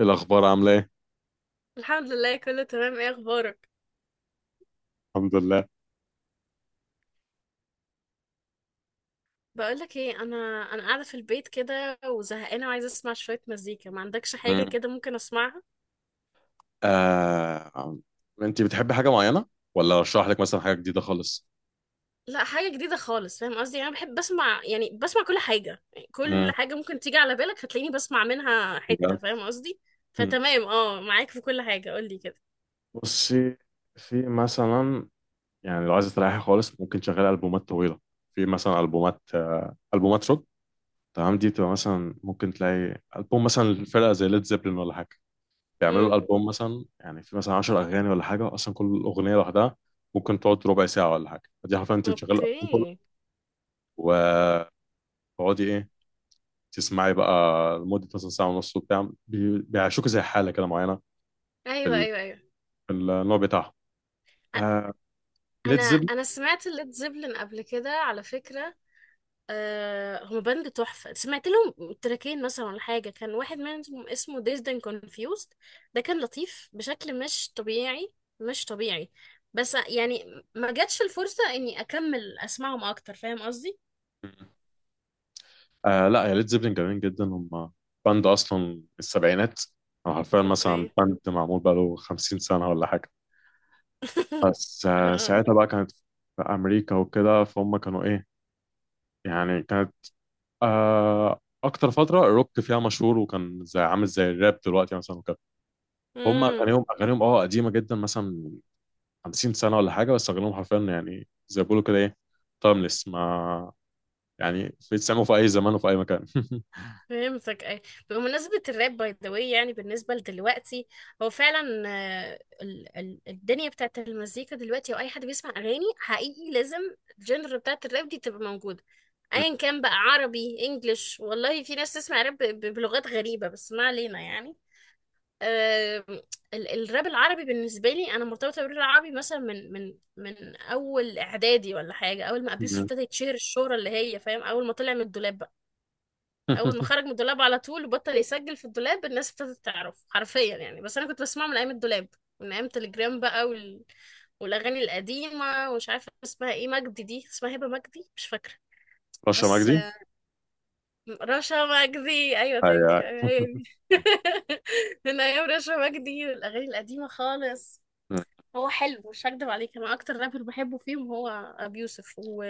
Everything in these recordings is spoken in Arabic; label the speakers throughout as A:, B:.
A: الأخبار عاملة إيه؟
B: الحمد لله، كله تمام. ايه اخبارك؟
A: الحمد لله.
B: بقولك ايه، انا قاعده في البيت كده وزهقانه وعايزه اسمع شويه مزيكا. ما عندكش حاجه
A: مم.
B: كده ممكن اسمعها؟
A: آه... أنت بتحبي حاجة معينة؟ ولا أشرح لك مثلا حاجة جديدة خالص؟
B: لا حاجه جديده خالص. فاهم قصدي؟ انا بحب بسمع، يعني بسمع كل حاجه. يعني كل
A: مم.
B: حاجه ممكن تيجي على بالك هتلاقيني بسمع منها
A: بجد؟
B: حته. فاهم قصدي؟
A: مم.
B: فتمام، اه معاك في كل حاجه قولي كده.
A: بصي، في مثلا، يعني لو عايزة تريحي خالص ممكن تشغلي ألبومات طويلة. في مثلا ألبومات روك، تمام. دي بتبقى مثلا ممكن تلاقي ألبوم مثلا الفرقة زي ليد زيبلين ولا حاجة، بيعملوا
B: امم.
A: الألبوم مثلا يعني في مثلا 10 أغاني ولا حاجة، أصلا كل أغنية لوحدها ممكن تقعد ربع ساعة ولا حاجة، فدي حرفيا أنت بتشغلي الألبوم كله،
B: اوكي.
A: و تقعدي ايه، تسمعي بقى لمدة مثلا ساعة ونص وبتاع. بيعيشوك زي حالة كده معينة في
B: ايوه ايوه ايوه.
A: في النوع بتاعهم.
B: أ-
A: آه ليد
B: انا
A: زيبلين.
B: انا سمعت الليد زيبلin قبل كده على فكره. آه هما باند تحفة، سمعت لهم تراكين مثلا ولا حاجة كان واحد منهم اسمه Dazed and Confused. ده كان لطيف بشكل مش طبيعي، مش طبيعي. بس يعني ما جاتش الفرصة اني اكمل اسمعهم اكتر. فاهم قصدي؟
A: لا يا ليد زيبلين جميلين جدا هم، باند أصلا من السبعينات، أو حرفيا مثلا
B: اوكي.
A: باند معمول بقاله 50 سنة ولا حاجة. بس ساعتها بقى كانت في أمريكا وكده، فهم كانوا إيه، يعني كانت أكتر فترة الروك فيها مشهور، وكان زي عامل زي الراب دلوقتي مثلا وكده. هم
B: امم.
A: أغانيهم قديمة جدا، مثلا 50 سنة ولا حاجة، بس أغلبهم حرفيا يعني زي ما بيقولوا كده إيه، تايمليس ما، يعني في تسمعه في أي زمان وفي أي مكان.
B: فهمتك اي. بمناسبة الراب باي ذا واي، يعني بالنسبة لدلوقتي، هو فعلا الدنيا بتاعت المزيكا دلوقتي او اي حد بيسمع اغاني حقيقي لازم الجنر بتاعت الراب دي تبقى موجودة. ايا كان بقى عربي انجلش، والله في ناس تسمع راب بلغات غريبة، بس ما علينا يعني. آه، الراب العربي بالنسبة لي، انا مرتبطة بالراب العربي مثلا من اول اعدادي ولا حاجة. اول ما ابيوسف ابتدى يتشهر الشهرة اللي هي، فاهم، اول ما طلع من الدولاب. اول ما خرج من الدولاب على طول وبطل يسجل في الدولاب الناس ابتدت تعرف حرفيا يعني. بس انا كنت بسمعه من ايام الدولاب، من ايام تليجرام بقى والاغاني القديمه. ومش عارفه اسمها ايه مجدي دي، اسمها هبه مجدي، مش فاكره.
A: رشا
B: بس
A: مجدي.
B: آه، رشا مجدي ايوه، ثانك
A: هي.
B: يو. أيوة هي دي. من ايام رشا مجدي، الاغاني القديمه خالص.
A: م-
B: هو حلو، مش هكدب عليك. انا اكتر رابر بحبه فيهم هو ابي يوسف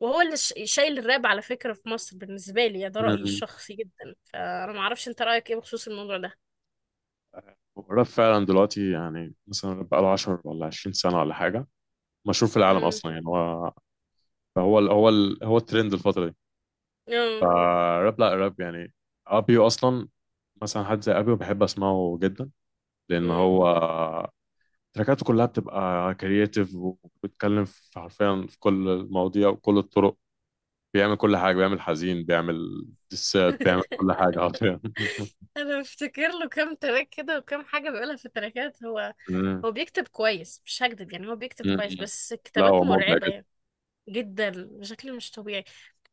B: وهو اللي شايل الراب على فكرة في مصر، بالنسبة لي يعني. ده رأيي
A: م-
B: الشخصي جدا، فأنا معرفش أنت رأيك إيه بخصوص الموضوع ده.
A: الراب فعلا دلوقتي، يعني مثلا بقى له 10 ولا 20 سنة ولا حاجة، مشهور في العالم
B: مم.
A: أصلا يعني. هو هو ال هو ال هو الترند الفترة دي.
B: مم.
A: فالراب، لا الراب يعني، أبيو أصلا، مثلا حد زي أبيو بحب أسمعه جدا، لأن
B: مم.
A: هو تراكاته كلها بتبقى كرياتيف، وبتتكلم في حرفيا في كل المواضيع وكل الطرق. بيعمل كل حاجة، بيعمل حزين، بيعمل دسات، بيعمل كل حاجة حرفيا.
B: أنا بفتكر له كام تراك كده وكام حاجة بيقولها في التراكات. هو
A: مم.
B: هو بيكتب كويس، مش هكدب. يعني هو بيكتب كويس
A: مم.
B: بس
A: لا
B: كتابات
A: هو مبدع
B: مرعبة
A: جدا.
B: يعني. جدا بشكل مش طبيعي.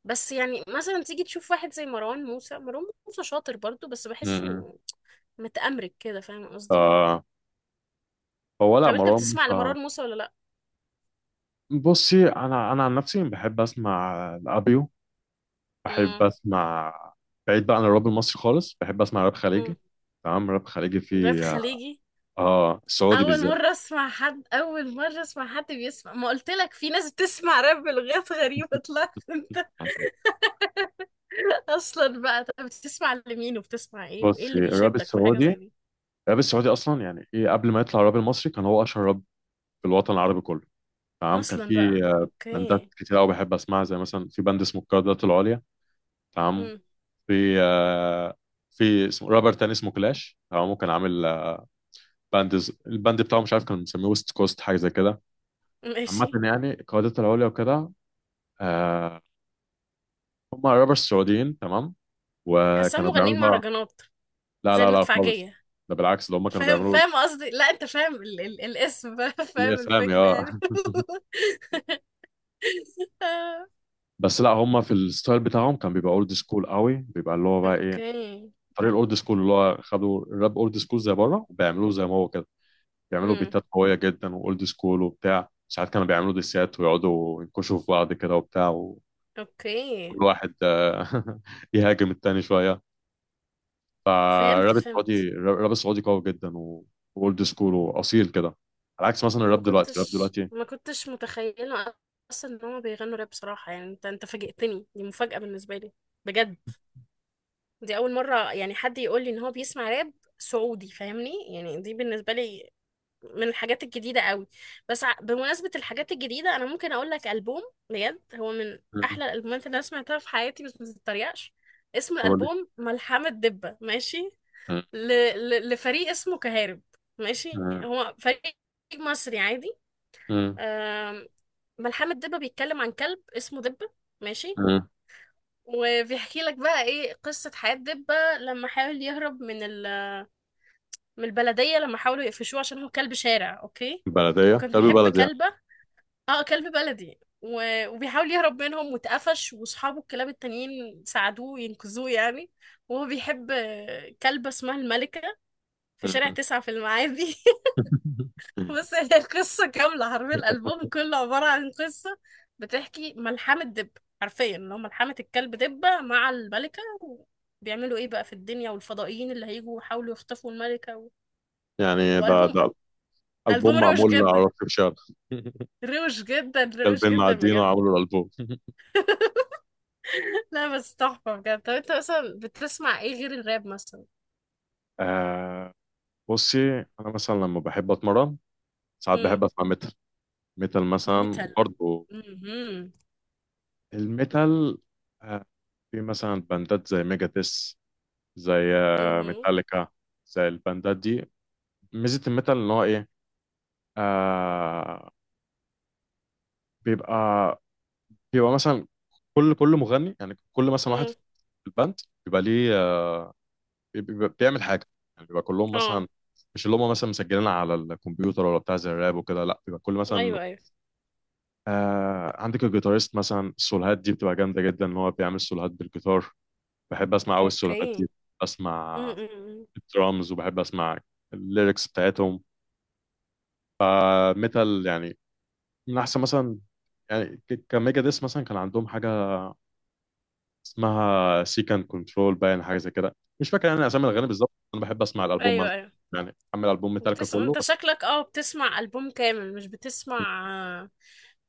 B: بس يعني مثلا تيجي تشوف واحد زي مروان موسى، مروان موسى شاطر برضو بس
A: مم.
B: بحسه متأمرك كده. فاهم قصدي؟
A: آه هو لا
B: طب انت
A: مروان
B: بتسمع
A: موسى.
B: لمروان موسى ولا لا؟
A: بصي، انا عن نفسي بحب اسمع الابيو، بحب
B: امم.
A: اسمع، بعيد بقى عن الراب المصري خالص، بحب اسمع راب خليجي، تمام. راب خليجي
B: راب
A: في،
B: خليجي.
A: اه، السعودي بالذات.
B: اول مره اسمع حد بيسمع. ما قلت لك في ناس بتسمع راب بلغات غريبه، طلعت انت. اصلا بقى، طب بتسمع لمين وبتسمع ايه وايه
A: بصي
B: اللي
A: الراب
B: بيشدك في حاجه
A: السعودي،
B: زي دي؟
A: الراب السعودي اصلا يعني ايه، قبل ما يطلع الراب المصري كان هو اشهر راب في الوطن العربي كله، تمام. كان
B: اصلا
A: في
B: بقى.
A: باندات
B: اوكي.
A: كتير قوي بحب اسمعها، زي مثلا في باند اسمه القيادات العليا، تمام.
B: امم.
A: في آه، في اسمه رابر تاني اسمه كلاش، تمام. كان عامل باند الباند بتاعه مش عارف كان مسميه ويست كوست حاجه زي كده. عامه
B: ماشي.
A: يعني القيادات العليا وكده، آه، هم رابرز سعوديين، تمام.
B: حاسه
A: وكانوا بيعملوا
B: مغنيين
A: بقى،
B: مهرجانات
A: لا
B: زي
A: لا لا خالص،
B: المدفعجيه.
A: ده بالعكس، ده هم كانوا
B: فاهم،
A: بيعملوا
B: فاهم قصدي؟ لا انت فاهم ال ال الاسم بقى، فاهم
A: الاسلامي،
B: الفكره
A: اه.
B: يعني.
A: بس لا هم في الستايل بتاعهم كان بيبقى اولد سكول قوي، بيبقى اللي هو بقى ايه،
B: اوكي.
A: طريق الاولد سكول، اللي هو خدوا الراب اولد سكول زي بره وبيعملوه زي ما هو كده. بيعملوا
B: امم.
A: بيتات قويه جدا واولد سكول وبتاع، ساعات كانوا بيعملوا ديسات ويقعدوا ينكشوا في بعض كده وبتاع، وكل
B: اوكي.
A: واحد يهاجم التاني شويه.
B: فهمت،
A: فالراب
B: فهمت.
A: السعودي، الراب السعودي قوي جدا واولد سكول واصيل كده، على عكس مثلا
B: ما
A: الراب دلوقتي، الراب
B: كنتش
A: دلوقتي.
B: ما كنتش متخيله اصلا ان هما بيغنوا راب بصراحه. يعني انت فاجئتني، دي مفاجاه بالنسبه لي بجد. دي اول مره يعني حد يقول لي ان هو بيسمع راب سعودي، فاهمني؟ يعني دي بالنسبه لي من الحاجات الجديده قوي. بس بمناسبه الحاجات الجديده، انا ممكن اقول لك البوم بجد هو من
A: مم.
B: احلى الالبومات اللي انا سمعتها في حياتي، بس ما تتريقش. اسم
A: هو ليه؟
B: الالبوم ملحمه دبه، ماشي.
A: مم.
B: ل... لفريق اسمه كهارب، ماشي.
A: مم.
B: هو فريق مصري عادي.
A: مم.
B: آم، ملحمة دبة بيتكلم عن كلب اسمه دبة، ماشي.
A: مم.
B: وبيحكي لك بقى ايه قصة حياة دبة لما حاول يهرب من البلدية لما حاولوا يقفشوه عشان هو كلب شارع، اوكي.
A: بلديه،
B: وكان
A: كلب
B: بيحب
A: بلد يعني.
B: كلبة. اه كلب بلدي، و... وبيحاول يهرب منهم واتقفش، واصحابه الكلاب التانيين ساعدوه، ينقذوه يعني. وهو بيحب كلبة اسمها الملكة في شارع 9 في المعادي.
A: مم.
B: بص هي القصة كاملة، حرفيا الألبوم كله عبارة عن قصة بتحكي ملحمة دب، حرفيا اللي هو ملحمة الكلب دبة مع الملكة، بيعملوا ايه بقى في الدنيا، والفضائيين اللي هيجوا يحاولوا يخطفوا الملكة
A: يعني ده
B: وألبوم.
A: ده
B: ألبوم
A: ألبوم
B: روش
A: معمول على
B: جدا،
A: روك شارع.
B: روش جدا، روش
A: كلبين
B: جدا
A: معديين
B: بجد.
A: وعملوا الألبوم.
B: لا بس تحفة بجد. طب انت مثلا بتسمع ايه غير الراب مثلا؟
A: آه. بصي، أنا مثلا لما بحب أتمرن ساعات
B: امم.
A: بحب أسمع ميتال. ميتال مثلا
B: ميتال.
A: برضه،
B: امم.
A: الميتال. آه، في مثلا باندات زي ميجاتس، زي
B: امم.
A: ميتاليكا، زي الباندات دي. ميزة الميتال إن هو إيه، آه بيبقى، بيبقى مثلا كل مغني، يعني كل مثلا واحد
B: امم.
A: في الباند بيبقى ليه، بيبقى بيعمل حاجه، يعني بيبقى كلهم
B: اه.
A: مثلا مش اللي هم مثلا مسجلين على الكمبيوتر ولا بتاع زي الراب وكده، لا بيبقى كل مثلا
B: ايوه ايوه.
A: عندك الجيتاريست مثلا. السولوهات دي بتبقى جامده جدا ان هو بيعمل سولوهات بالجيتار. بحب اسمع قوي السولوهات دي،
B: اوكي.
A: اسمع
B: امم.
A: الدرامز، وبحب اسمع الليركس بتاعتهم. ميتال يعني من احسن مثلا. يعني كميجا ديس مثلا كان عندهم حاجه اسمها سيكان كنترول باين، حاجه زي كده، مش فاكر يعني اسامي الاغاني بالظبط. انا بحب اسمع
B: ايوه
A: الالبوم،
B: ايوه.
A: يعني اعمل البوم ميتاليكا كله
B: انت
A: بس.
B: شكلك اه بتسمع ألبوم كامل، مش بتسمع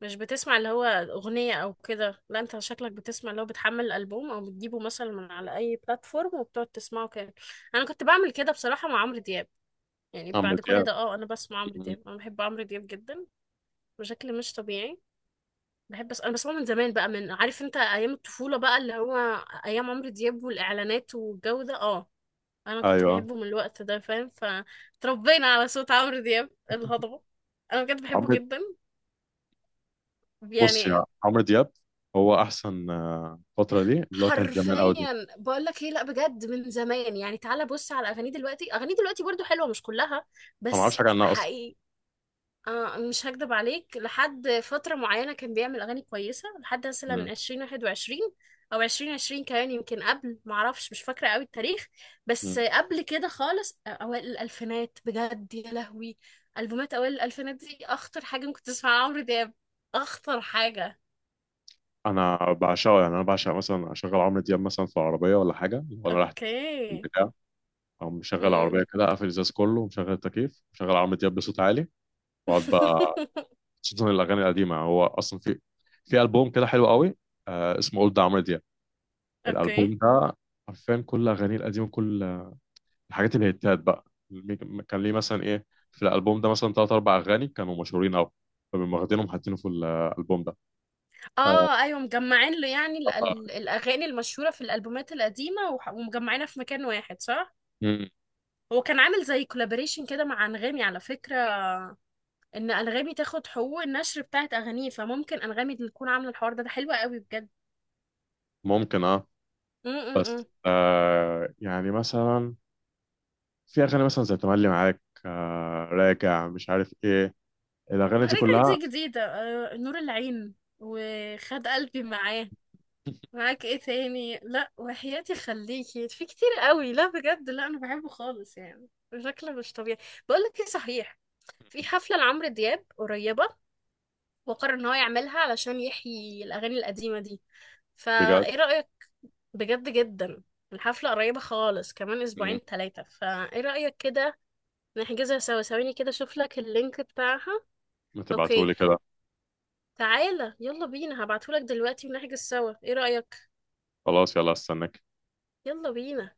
B: مش بتسمع اللي هو أغنية أو كده. لا انت شكلك بتسمع اللي هو بتحمل الألبوم أو بتجيبه مثلا من على أي بلاتفورم وبتقعد تسمعه كامل. أنا كنت بعمل كده بصراحة مع عمرو دياب. يعني
A: اعمل
B: بعد كل ده اه أنا بسمع عمرو
A: يعني.
B: دياب، أنا بحب عمرو دياب جدا بشكل مش طبيعي. بحب، بس أنا بسمعه من زمان بقى، من عارف انت أيام الطفولة بقى اللي هو أيام عمرو دياب والإعلانات والجو ده اه. انا كنت
A: ايوه
B: بحبه من الوقت ده، فاهم؟ فتربينا على صوت عمرو دياب الهضبة. انا بجد بحبه
A: عمرو،
B: جدا
A: بص
B: يعني.
A: يا عمرو دياب، هو احسن فتره ليه اللي هو كانت زمان قوي دي.
B: حرفيا بقول لك ايه، لا بجد من زمان. يعني تعالى بص على اغانيه دلوقتي، اغانيه دلوقتي برضو حلوة مش كلها
A: انا ما اعرفش
B: بس
A: حاجه عنها اصلا.
B: حقيقي. آه مش هكدب عليك، لحد فترة معينة كان بيعمل أغاني كويسة لحد
A: مم.
B: مثلا 2021 أو 2020 كمان يمكن قبل، معرفش مش فاكرة قوي التاريخ.
A: مم.
B: بس قبل كده خالص أوائل الألفينات بجد يا لهوي. ألبومات أوائل الألفينات دي أخطر حاجة ممكن تسمعها عمرو دياب، أخطر حاجة.
A: انا بعشقه، يعني انا بعشق مثلا اشغل عمرو دياب مثلا في العربيه ولا حاجه وانا رايح
B: أوكي.
A: البتاع، او مشغل
B: مم.
A: العربيه كده، اقفل الازاز كله ومشغل التكييف مشغل عمرو دياب بصوت عالي، واقعد بقى. خصوصا الاغاني القديمه، هو اصلا في البوم كده حلو قوي، اسمه اولد عمرو دياب.
B: اوكي.
A: الالبوم ده حرفيا كل اغانيه القديمه، كل الحاجات الهيتات بقى. كان ليه مثلا ايه، في الالبوم ده مثلا ثلاث اربع اغاني كانوا مشهورين قوي، فبيقوم واخدينهم حاطينه في الالبوم ده. آه.
B: اه ايوه مجمعين له يعني الاغاني المشهوره في الالبومات القديمه، ومجمعينها في مكان واحد، صح؟
A: مم.
B: هو كان عامل زي كولابوريشن كده مع انغامي على فكره، ان انغامي تاخد حقوق النشر بتاعت اغانيه. فممكن انغامي اللي تكون عامله الحوار ده. ده حلو قوي بجد.
A: ممكن اه.
B: امم.
A: بس يعني مثلا في اغاني مثلا زي تملي معاك، راجع، مش عارف ايه، الاغاني دي
B: رجعت
A: كلها،
B: دي جديده. آه، نور العين، وخد قلبي معاه. معاك ايه تاني، لا وحياتي، خليكي في، كتير قوي. لا بجد لا، انا بحبه خالص يعني، شكله مش طبيعي. بقول لك ايه، صحيح في حفله لعمرو دياب قريبه، وقرر ان هو يعملها علشان يحيي الاغاني القديمه دي.
A: بجد.
B: فايه رايك؟ بجد جدا. الحفلة قريبة خالص، كمان
A: مم.
B: 2-3 أسابيع. فإيه رأيك كده، نحجزها سوا؟ ثواني كده أشوف لك اللينك بتاعها.
A: ما
B: أوكي.
A: تبعتهولي كده.
B: تعالى يلا بينا، هبعتهولك دلوقتي ونحجز سوا، إيه رأيك؟
A: خلاص يلا استناك.
B: يلا بينا.